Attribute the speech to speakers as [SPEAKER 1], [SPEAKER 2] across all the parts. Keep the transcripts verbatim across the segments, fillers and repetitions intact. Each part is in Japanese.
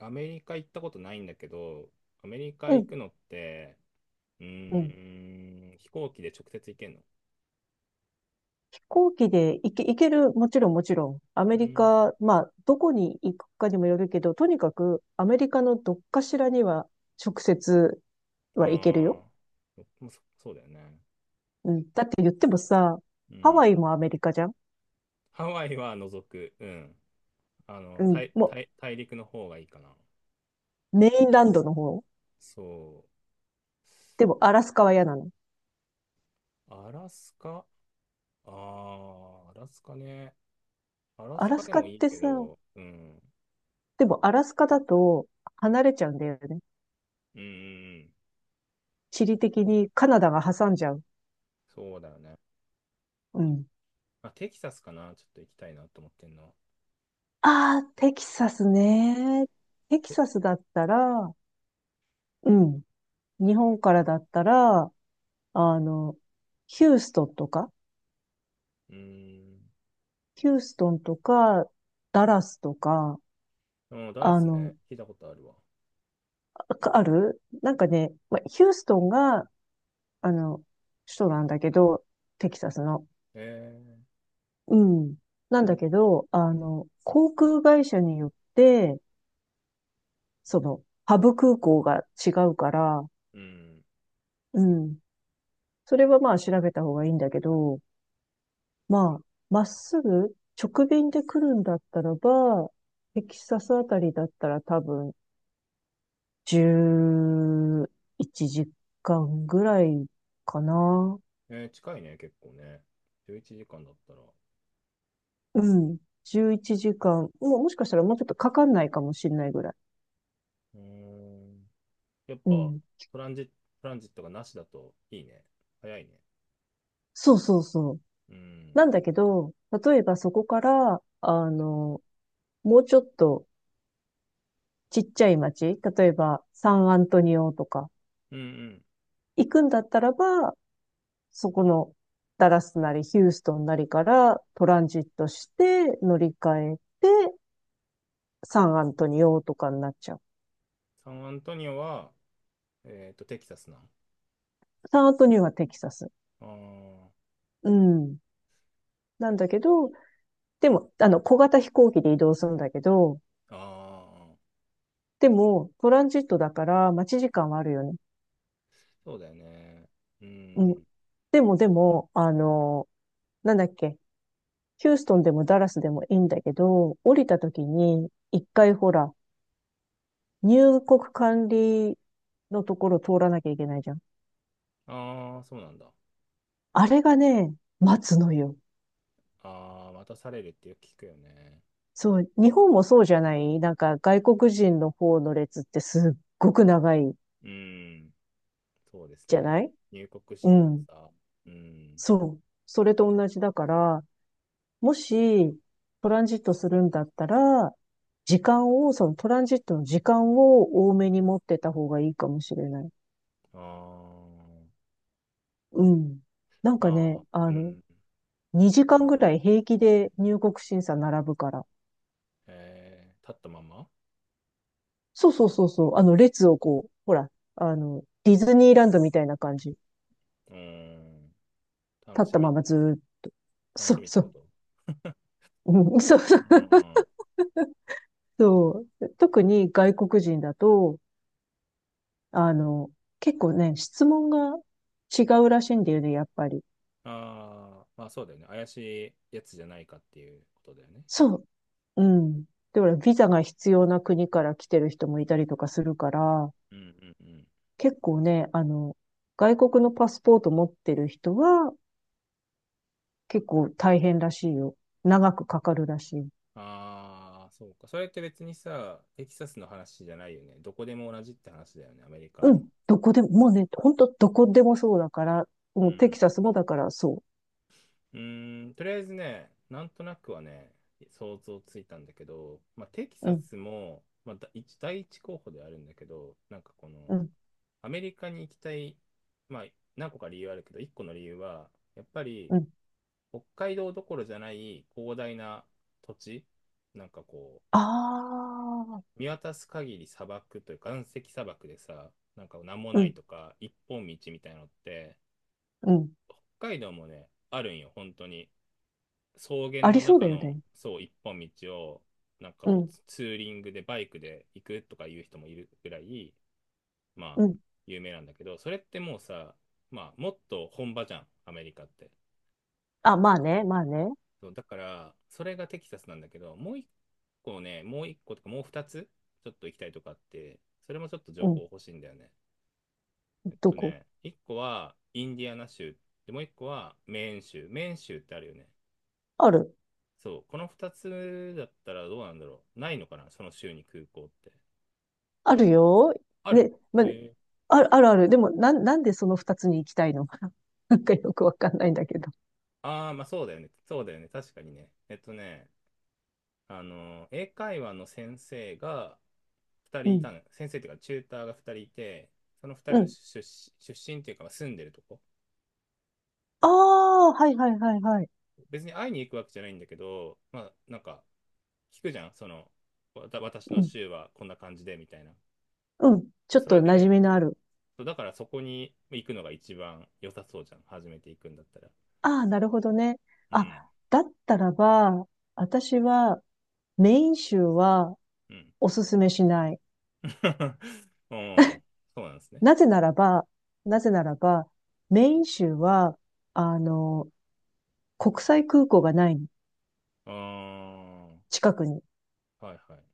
[SPEAKER 1] アメリカ行ったことないんだけど、アメリカ
[SPEAKER 2] う
[SPEAKER 1] 行
[SPEAKER 2] ん。
[SPEAKER 1] くのって、う
[SPEAKER 2] うん
[SPEAKER 1] ーん、飛行機で直接行けんの。
[SPEAKER 2] 飛行機で行け、行ける、もちろんもちろん。アメ
[SPEAKER 1] う
[SPEAKER 2] リ
[SPEAKER 1] ん。
[SPEAKER 2] カ、まあ、どこに行くかにもよるけど、とにかくアメリカのどっかしらには直接は行けるよ。
[SPEAKER 1] ああ、そもうそそうだよね。
[SPEAKER 2] うん。だって言ってもさ、
[SPEAKER 1] う
[SPEAKER 2] ハ
[SPEAKER 1] ん。
[SPEAKER 2] ワイもアメリカじゃん。
[SPEAKER 1] ハワイは除く。うん。あ
[SPEAKER 2] う
[SPEAKER 1] の、
[SPEAKER 2] ん。
[SPEAKER 1] 大、
[SPEAKER 2] も
[SPEAKER 1] 大、大陸の方がいいかな。
[SPEAKER 2] う、メインランドの方。
[SPEAKER 1] そ
[SPEAKER 2] でも、アラスカは嫌なの。
[SPEAKER 1] う。アラスカ、ああアラスカね。アラ
[SPEAKER 2] ア
[SPEAKER 1] ス
[SPEAKER 2] ラ
[SPEAKER 1] カ
[SPEAKER 2] ス
[SPEAKER 1] で
[SPEAKER 2] カっ
[SPEAKER 1] もいい
[SPEAKER 2] て
[SPEAKER 1] け
[SPEAKER 2] さ、
[SPEAKER 1] ど、うん。
[SPEAKER 2] でもアラスカだと離れちゃうんだよね。
[SPEAKER 1] うん、うんうん、
[SPEAKER 2] 地理的にカナダが挟んじゃう。
[SPEAKER 1] そうだよね。
[SPEAKER 2] うん。
[SPEAKER 1] まあ、テキサスかな。ちょっと行きたいなと思ってんの。
[SPEAKER 2] ああ、テキサスね。テキ
[SPEAKER 1] え、
[SPEAKER 2] サスだったら、うん。日本からだったら、あの、ヒューストンとか、
[SPEAKER 1] うーん。
[SPEAKER 2] ヒューストンとか、ダラスとか、
[SPEAKER 1] うん、ダラ
[SPEAKER 2] あ
[SPEAKER 1] ス
[SPEAKER 2] の、
[SPEAKER 1] ね。聞いたことあるわ。
[SPEAKER 2] あるなんかね、まあ、ヒューストンが、あの、首都なんだけど、テキサスの。
[SPEAKER 1] え
[SPEAKER 2] うん。なんだけど、あの、航空会社によって、その、ハブ空港が違うから、
[SPEAKER 1] ー、うん。
[SPEAKER 2] うん。それはまあ調べた方がいいんだけど、まあ、まっすぐ直便で来るんだったらば、テキサスあたりだったら多分じゅういちじかんぐらいかな。
[SPEAKER 1] えー、近いね、結構ね。じゅういちじかんだったら。
[SPEAKER 2] うん。じゅういちじかん。もうもしかしたらもうちょっとかかんないかもしれないぐらい。
[SPEAKER 1] うーん。やっ
[SPEAKER 2] う
[SPEAKER 1] ぱ、
[SPEAKER 2] ん。
[SPEAKER 1] トランジ、トランジットがなしだといいね。早いね。
[SPEAKER 2] そうそうそう。
[SPEAKER 1] うん。
[SPEAKER 2] なんだけど、例えばそこから、あの、もうちょっとちっちゃい町、例えばサンアントニオとか、
[SPEAKER 1] うんうん。
[SPEAKER 2] 行くんだったらば、そこのダラスなりヒューストンなりからトランジットして乗り換えてサンアントニオとかになっちゃう。
[SPEAKER 1] サンアントニオは、えっと、テキサスな。
[SPEAKER 2] サンアントニオはテキサス。
[SPEAKER 1] あー、
[SPEAKER 2] うん。なんだけど、でも、あの、小型飛行機で移動するんだけど、
[SPEAKER 1] あー、
[SPEAKER 2] でも、トランジットだから待ち時間はあるよね。
[SPEAKER 1] そうだよね。う
[SPEAKER 2] うん。
[SPEAKER 1] ん。
[SPEAKER 2] でも、でも、あの、なんだっけ、ヒューストンでもダラスでもいいんだけど、降りた時に、一回ほら、入国管理のところ通らなきゃいけないじゃん。
[SPEAKER 1] ああ、そうなんだ。あ
[SPEAKER 2] あれがね、待つのよ。
[SPEAKER 1] あ、待たされるってよく聞くよね。
[SPEAKER 2] そう、日本もそうじゃない、なんか外国人の方の列ってすっごく長い
[SPEAKER 1] うん。そうです
[SPEAKER 2] じゃ
[SPEAKER 1] ね。
[SPEAKER 2] ない。
[SPEAKER 1] 入国
[SPEAKER 2] う
[SPEAKER 1] 審
[SPEAKER 2] ん。
[SPEAKER 1] 査。うん。
[SPEAKER 2] そう。それと同じだから、もしトランジットするんだったら、時間を、そのトランジットの時間を多めに持ってた方がいいかもしれない。
[SPEAKER 1] あー
[SPEAKER 2] うん。なんか
[SPEAKER 1] ま
[SPEAKER 2] ね、
[SPEAKER 1] あ
[SPEAKER 2] あ
[SPEAKER 1] ー、う
[SPEAKER 2] の、
[SPEAKER 1] ん。
[SPEAKER 2] にじかんぐらい平気で入国審査並ぶから。
[SPEAKER 1] えー、立ったまま。
[SPEAKER 2] そうそうそうそう。あの、列をこう、ほら、あの、ディズニーランドみたいな感じ。立
[SPEAKER 1] うん。楽
[SPEAKER 2] っ
[SPEAKER 1] し
[SPEAKER 2] た
[SPEAKER 1] み。
[SPEAKER 2] ままずーっと、
[SPEAKER 1] 楽
[SPEAKER 2] そ
[SPEAKER 1] し
[SPEAKER 2] う
[SPEAKER 1] みっ
[SPEAKER 2] そ
[SPEAKER 1] てこ
[SPEAKER 2] う。
[SPEAKER 1] と。
[SPEAKER 2] うん、そうそう。
[SPEAKER 1] うん。
[SPEAKER 2] そう、特に外国人だと、あの、結構ね、質問が違うらしいんだよね、やっぱり。
[SPEAKER 1] ああ、まあそうだよね。怪しいやつじゃないかっていうことだよね。
[SPEAKER 2] そう。うん。で、ほら、ビザが必要な国から来てる人もいたりとかするから、
[SPEAKER 1] うんうんうん。
[SPEAKER 2] 結構ね、あの、外国のパスポート持ってる人は結構大変らしいよ。長くかかるらしい。
[SPEAKER 1] ああ、そうか。それって別にさ、テキサスの話じゃないよね。どこでも同じって話だよね、アメリカ
[SPEAKER 2] う
[SPEAKER 1] の。
[SPEAKER 2] ん。どこでも、もうね、ほんとどこでもそうだから、
[SPEAKER 1] う
[SPEAKER 2] もうテ
[SPEAKER 1] ん。
[SPEAKER 2] キサスもだからそ
[SPEAKER 1] うーん、とりあえずね、なんとなくはね、想像ついたんだけど、まあ、テキ
[SPEAKER 2] う。う
[SPEAKER 1] サ
[SPEAKER 2] ん、
[SPEAKER 1] スも、まあ、だ一第一候補ではあるんだけど、なんかこの、
[SPEAKER 2] うん、
[SPEAKER 1] アメリカに行きたい、まあ、何個か理由あるけど、一個の理由は、やっぱり、
[SPEAKER 2] うん。
[SPEAKER 1] 北海道どころじゃない広大な土地、なんかこ
[SPEAKER 2] ああ、
[SPEAKER 1] う、見渡す限り砂漠というか、岩石砂漠でさ、なんか何も
[SPEAKER 2] う
[SPEAKER 1] ない
[SPEAKER 2] ん、
[SPEAKER 1] とか、一本道みたいなのって、
[SPEAKER 2] うん。
[SPEAKER 1] 北海道もね、あるんよ、本当に。草原
[SPEAKER 2] あ
[SPEAKER 1] の
[SPEAKER 2] りそうだ
[SPEAKER 1] 中
[SPEAKER 2] よ
[SPEAKER 1] の
[SPEAKER 2] ね。
[SPEAKER 1] そう一本道を、なんか
[SPEAKER 2] う
[SPEAKER 1] こう
[SPEAKER 2] ん、
[SPEAKER 1] ツツーリングでバイクで行くとかいう人もいるぐらい、ま
[SPEAKER 2] う
[SPEAKER 1] あ
[SPEAKER 2] ん。
[SPEAKER 1] 有名なんだけど、それってもうさ、まあもっと本場じゃんアメリカって。
[SPEAKER 2] あ、まあね、まあね。
[SPEAKER 1] そうだから、それがテキサスなんだけど、もう一個ねもう一個とかもう二つちょっと行きたいとかあって、それもちょっと情
[SPEAKER 2] う
[SPEAKER 1] 報
[SPEAKER 2] ん。
[SPEAKER 1] 欲しいんだよね。えっ
[SPEAKER 2] ど
[SPEAKER 1] と
[SPEAKER 2] こ
[SPEAKER 1] ね、一個はインディアナ州で、もう一個はメーン州。メーン州ってあるよね。
[SPEAKER 2] ある
[SPEAKER 1] そう、このふたつだったらどうなんだろう。ないのかな、その州に空港って。
[SPEAKER 2] あるよ。
[SPEAKER 1] ある。
[SPEAKER 2] ね、まあね、
[SPEAKER 1] え
[SPEAKER 2] ある、あるある。でも、なん、なんでその二つに行きたいの？ なんかよくわかんないんだけど。
[SPEAKER 1] ー、ああ、まあそうだよね。そうだよね。確かにね。えっとね、あの、英会話の先生が2
[SPEAKER 2] う
[SPEAKER 1] 人いた
[SPEAKER 2] ん、
[SPEAKER 1] の。先生っていうか、チューターがふたりいて、その2
[SPEAKER 2] う
[SPEAKER 1] 人の
[SPEAKER 2] ん。
[SPEAKER 1] 出出出身っていうか、まあ住んでるとこ。
[SPEAKER 2] ああ、はいはいはいはい。
[SPEAKER 1] 別に会いに行くわけじゃないんだけど、まあなんか、聞くじゃん。その、わた私
[SPEAKER 2] う
[SPEAKER 1] の
[SPEAKER 2] ん、
[SPEAKER 1] 州はこんな感じで、みたいな。
[SPEAKER 2] うん。
[SPEAKER 1] そう
[SPEAKER 2] ちょっ
[SPEAKER 1] それ
[SPEAKER 2] と馴染
[SPEAKER 1] で、
[SPEAKER 2] みのある。
[SPEAKER 1] そうだからそこに行くのが一番良さそうじゃん。初めて行くんだったら。
[SPEAKER 2] ああ、なるほどね。
[SPEAKER 1] う
[SPEAKER 2] あ、
[SPEAKER 1] ん。
[SPEAKER 2] だったらば、私はメイン州は
[SPEAKER 1] うん。
[SPEAKER 2] おすすめしない。
[SPEAKER 1] うん。そうなんですね。
[SPEAKER 2] なぜならば、なぜならば、メイン州は、あの、国際空港がないの、
[SPEAKER 1] ああ、
[SPEAKER 2] 近くに。
[SPEAKER 1] はいはい。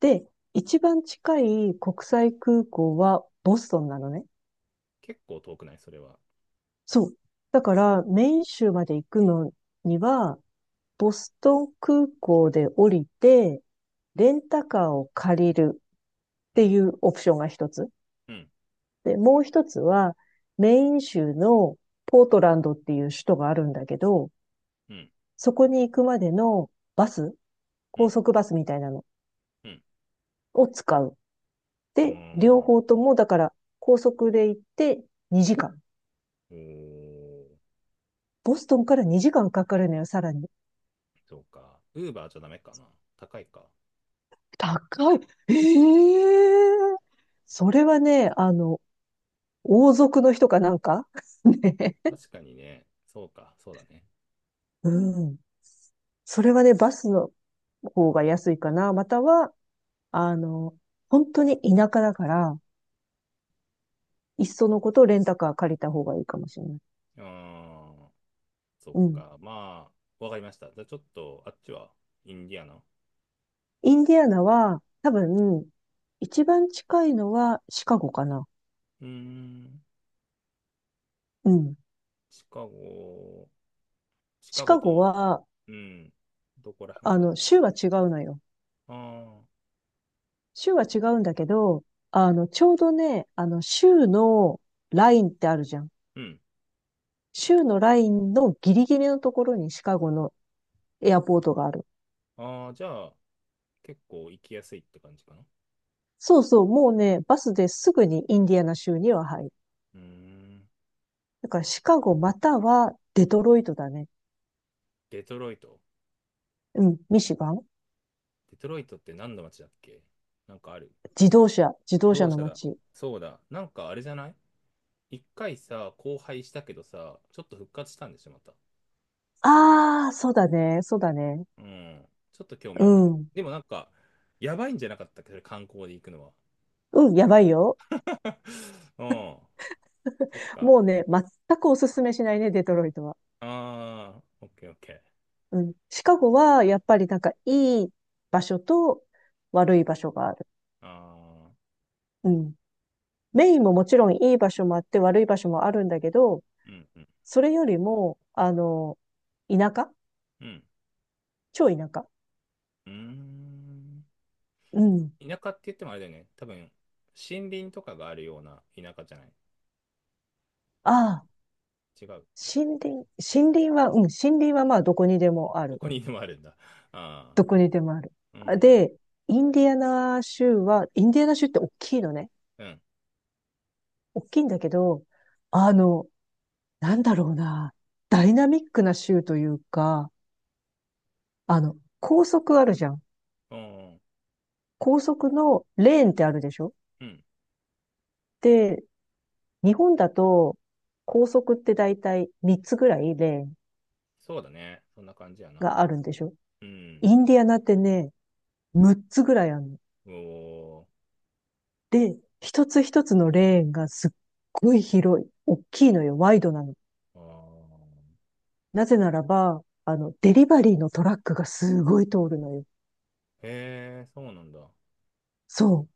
[SPEAKER 2] で、一番近い国際空港はボストンなのね。
[SPEAKER 1] 結構遠くない、それは。
[SPEAKER 2] そう。だから、メイン州まで行くのには、ボストン空港で降りて、レンタカーを借りるっ
[SPEAKER 1] う
[SPEAKER 2] て
[SPEAKER 1] ん。
[SPEAKER 2] いうオプションが一つ。
[SPEAKER 1] うん。
[SPEAKER 2] で、もう一つは、メイン州のポートランドっていう首都があるんだけど、
[SPEAKER 1] うん。
[SPEAKER 2] そこに行くまでのバス、
[SPEAKER 1] う
[SPEAKER 2] 高
[SPEAKER 1] ん。
[SPEAKER 2] 速バスみたいなの
[SPEAKER 1] うん。
[SPEAKER 2] を使う。
[SPEAKER 1] う
[SPEAKER 2] で、両
[SPEAKER 1] ん。
[SPEAKER 2] 方とも、だから、高速で行ってにじかん。
[SPEAKER 1] おー、
[SPEAKER 2] ボストンからにじかんかかるのよ、さらに。
[SPEAKER 1] そうか。ウーバーじゃダメかな。高いか。
[SPEAKER 2] 高い。ええそれはね、あの、王族の人かなんか ね。
[SPEAKER 1] 確かにね。そうか。そうだね。
[SPEAKER 2] うん。それはね、バスの方が安いかな。または、あの、本当に田舎だから、いっそのことレンタカー借りた方がいいかもしれない。
[SPEAKER 1] ああ、そっ
[SPEAKER 2] うん。
[SPEAKER 1] か。まあ、わかりました。じゃあちょっと、あっちは、インディアナ。う
[SPEAKER 2] インディアナは、多分、一番近いのはシカゴかな。
[SPEAKER 1] ーん。
[SPEAKER 2] うん。
[SPEAKER 1] シカゴ、シ
[SPEAKER 2] シ
[SPEAKER 1] カゴ
[SPEAKER 2] カゴ
[SPEAKER 1] と、
[SPEAKER 2] は、
[SPEAKER 1] うん。どこら辺
[SPEAKER 2] あ
[SPEAKER 1] だろ
[SPEAKER 2] の、州は違うのよ。
[SPEAKER 1] う。ああ。
[SPEAKER 2] 週は違うんだけど、あの、ちょうどね、あの、週のラインってあるじゃん。
[SPEAKER 1] うん。
[SPEAKER 2] 週のラインのギリギリのところにシカゴのエアポートがある。
[SPEAKER 1] ああ、じゃあ、結構行きやすいって感じかな。
[SPEAKER 2] そうそう、もうね、バスですぐにインディアナ州には入る。
[SPEAKER 1] うーん。
[SPEAKER 2] だからシカゴまたはデトロイトだね。
[SPEAKER 1] デトロイト。
[SPEAKER 2] うん、ミシガン。
[SPEAKER 1] デトロイトって何の街だっけ、なんかある。
[SPEAKER 2] 自動車、自動車
[SPEAKER 1] 同
[SPEAKER 2] の
[SPEAKER 1] 社だ。
[SPEAKER 2] 街。
[SPEAKER 1] そうだ。なんかあれじゃない、一回さ、荒廃したけどさ、ちょっと復活したんでしょ、また。
[SPEAKER 2] ああ、そうだね、そうだね。
[SPEAKER 1] うん。ちょっと興味
[SPEAKER 2] う
[SPEAKER 1] あるな。
[SPEAKER 2] ん。
[SPEAKER 1] でもなんか、やばいんじゃなかったっけど、それ観光で行くのは。
[SPEAKER 2] うん、やばいよ。
[SPEAKER 1] うん。そっか。
[SPEAKER 2] もうね、全くおすすめしないね、デトロイトは。
[SPEAKER 1] ああ、オッケーオッケー。
[SPEAKER 2] うん。シカゴは、やっぱりなんか、いい場所と悪い場所がある。
[SPEAKER 1] ああ、
[SPEAKER 2] うん。メインももちろんいい場所もあって悪い場所もあるんだけど、
[SPEAKER 1] うんうん。
[SPEAKER 2] それよりも、あの、田舎、
[SPEAKER 1] うん。
[SPEAKER 2] 超田舎。
[SPEAKER 1] うーん。
[SPEAKER 2] うん。
[SPEAKER 1] 田舎って言ってもあれだよね。多分、森林とかがあるような田舎じゃない。
[SPEAKER 2] ああ、
[SPEAKER 1] ち違う。
[SPEAKER 2] 森林、森林は、うん、森林はまあどこにでもあ
[SPEAKER 1] ど
[SPEAKER 2] る。
[SPEAKER 1] こにでもあるんだ。ああ、
[SPEAKER 2] どこにでもある。
[SPEAKER 1] う
[SPEAKER 2] あ
[SPEAKER 1] ん、
[SPEAKER 2] で、インディアナ州は、インディアナ州って大きいのね。
[SPEAKER 1] うん、
[SPEAKER 2] 大きいんだけど、あの、なんだろうな、ダイナミックな州というか、あの、高速あるじゃん。
[SPEAKER 1] うん、
[SPEAKER 2] 高速のレーンってあるでしょ？
[SPEAKER 1] うん。
[SPEAKER 2] で、日本だと高速ってだいたいみっつぐらいレーン
[SPEAKER 1] そうだね。そんな感じやな。
[SPEAKER 2] があるんでしょ？
[SPEAKER 1] うん。
[SPEAKER 2] インディアナってね、むっつぐらいあるの。
[SPEAKER 1] おー、
[SPEAKER 2] で、一つ一つのレーンがすっごい広い。大きいのよ。ワイドなの。
[SPEAKER 1] あ
[SPEAKER 2] なぜならば、あの、デリバリーのトラックがすごい通るのよ。
[SPEAKER 1] ーへえ、そうなんだ。
[SPEAKER 2] そう。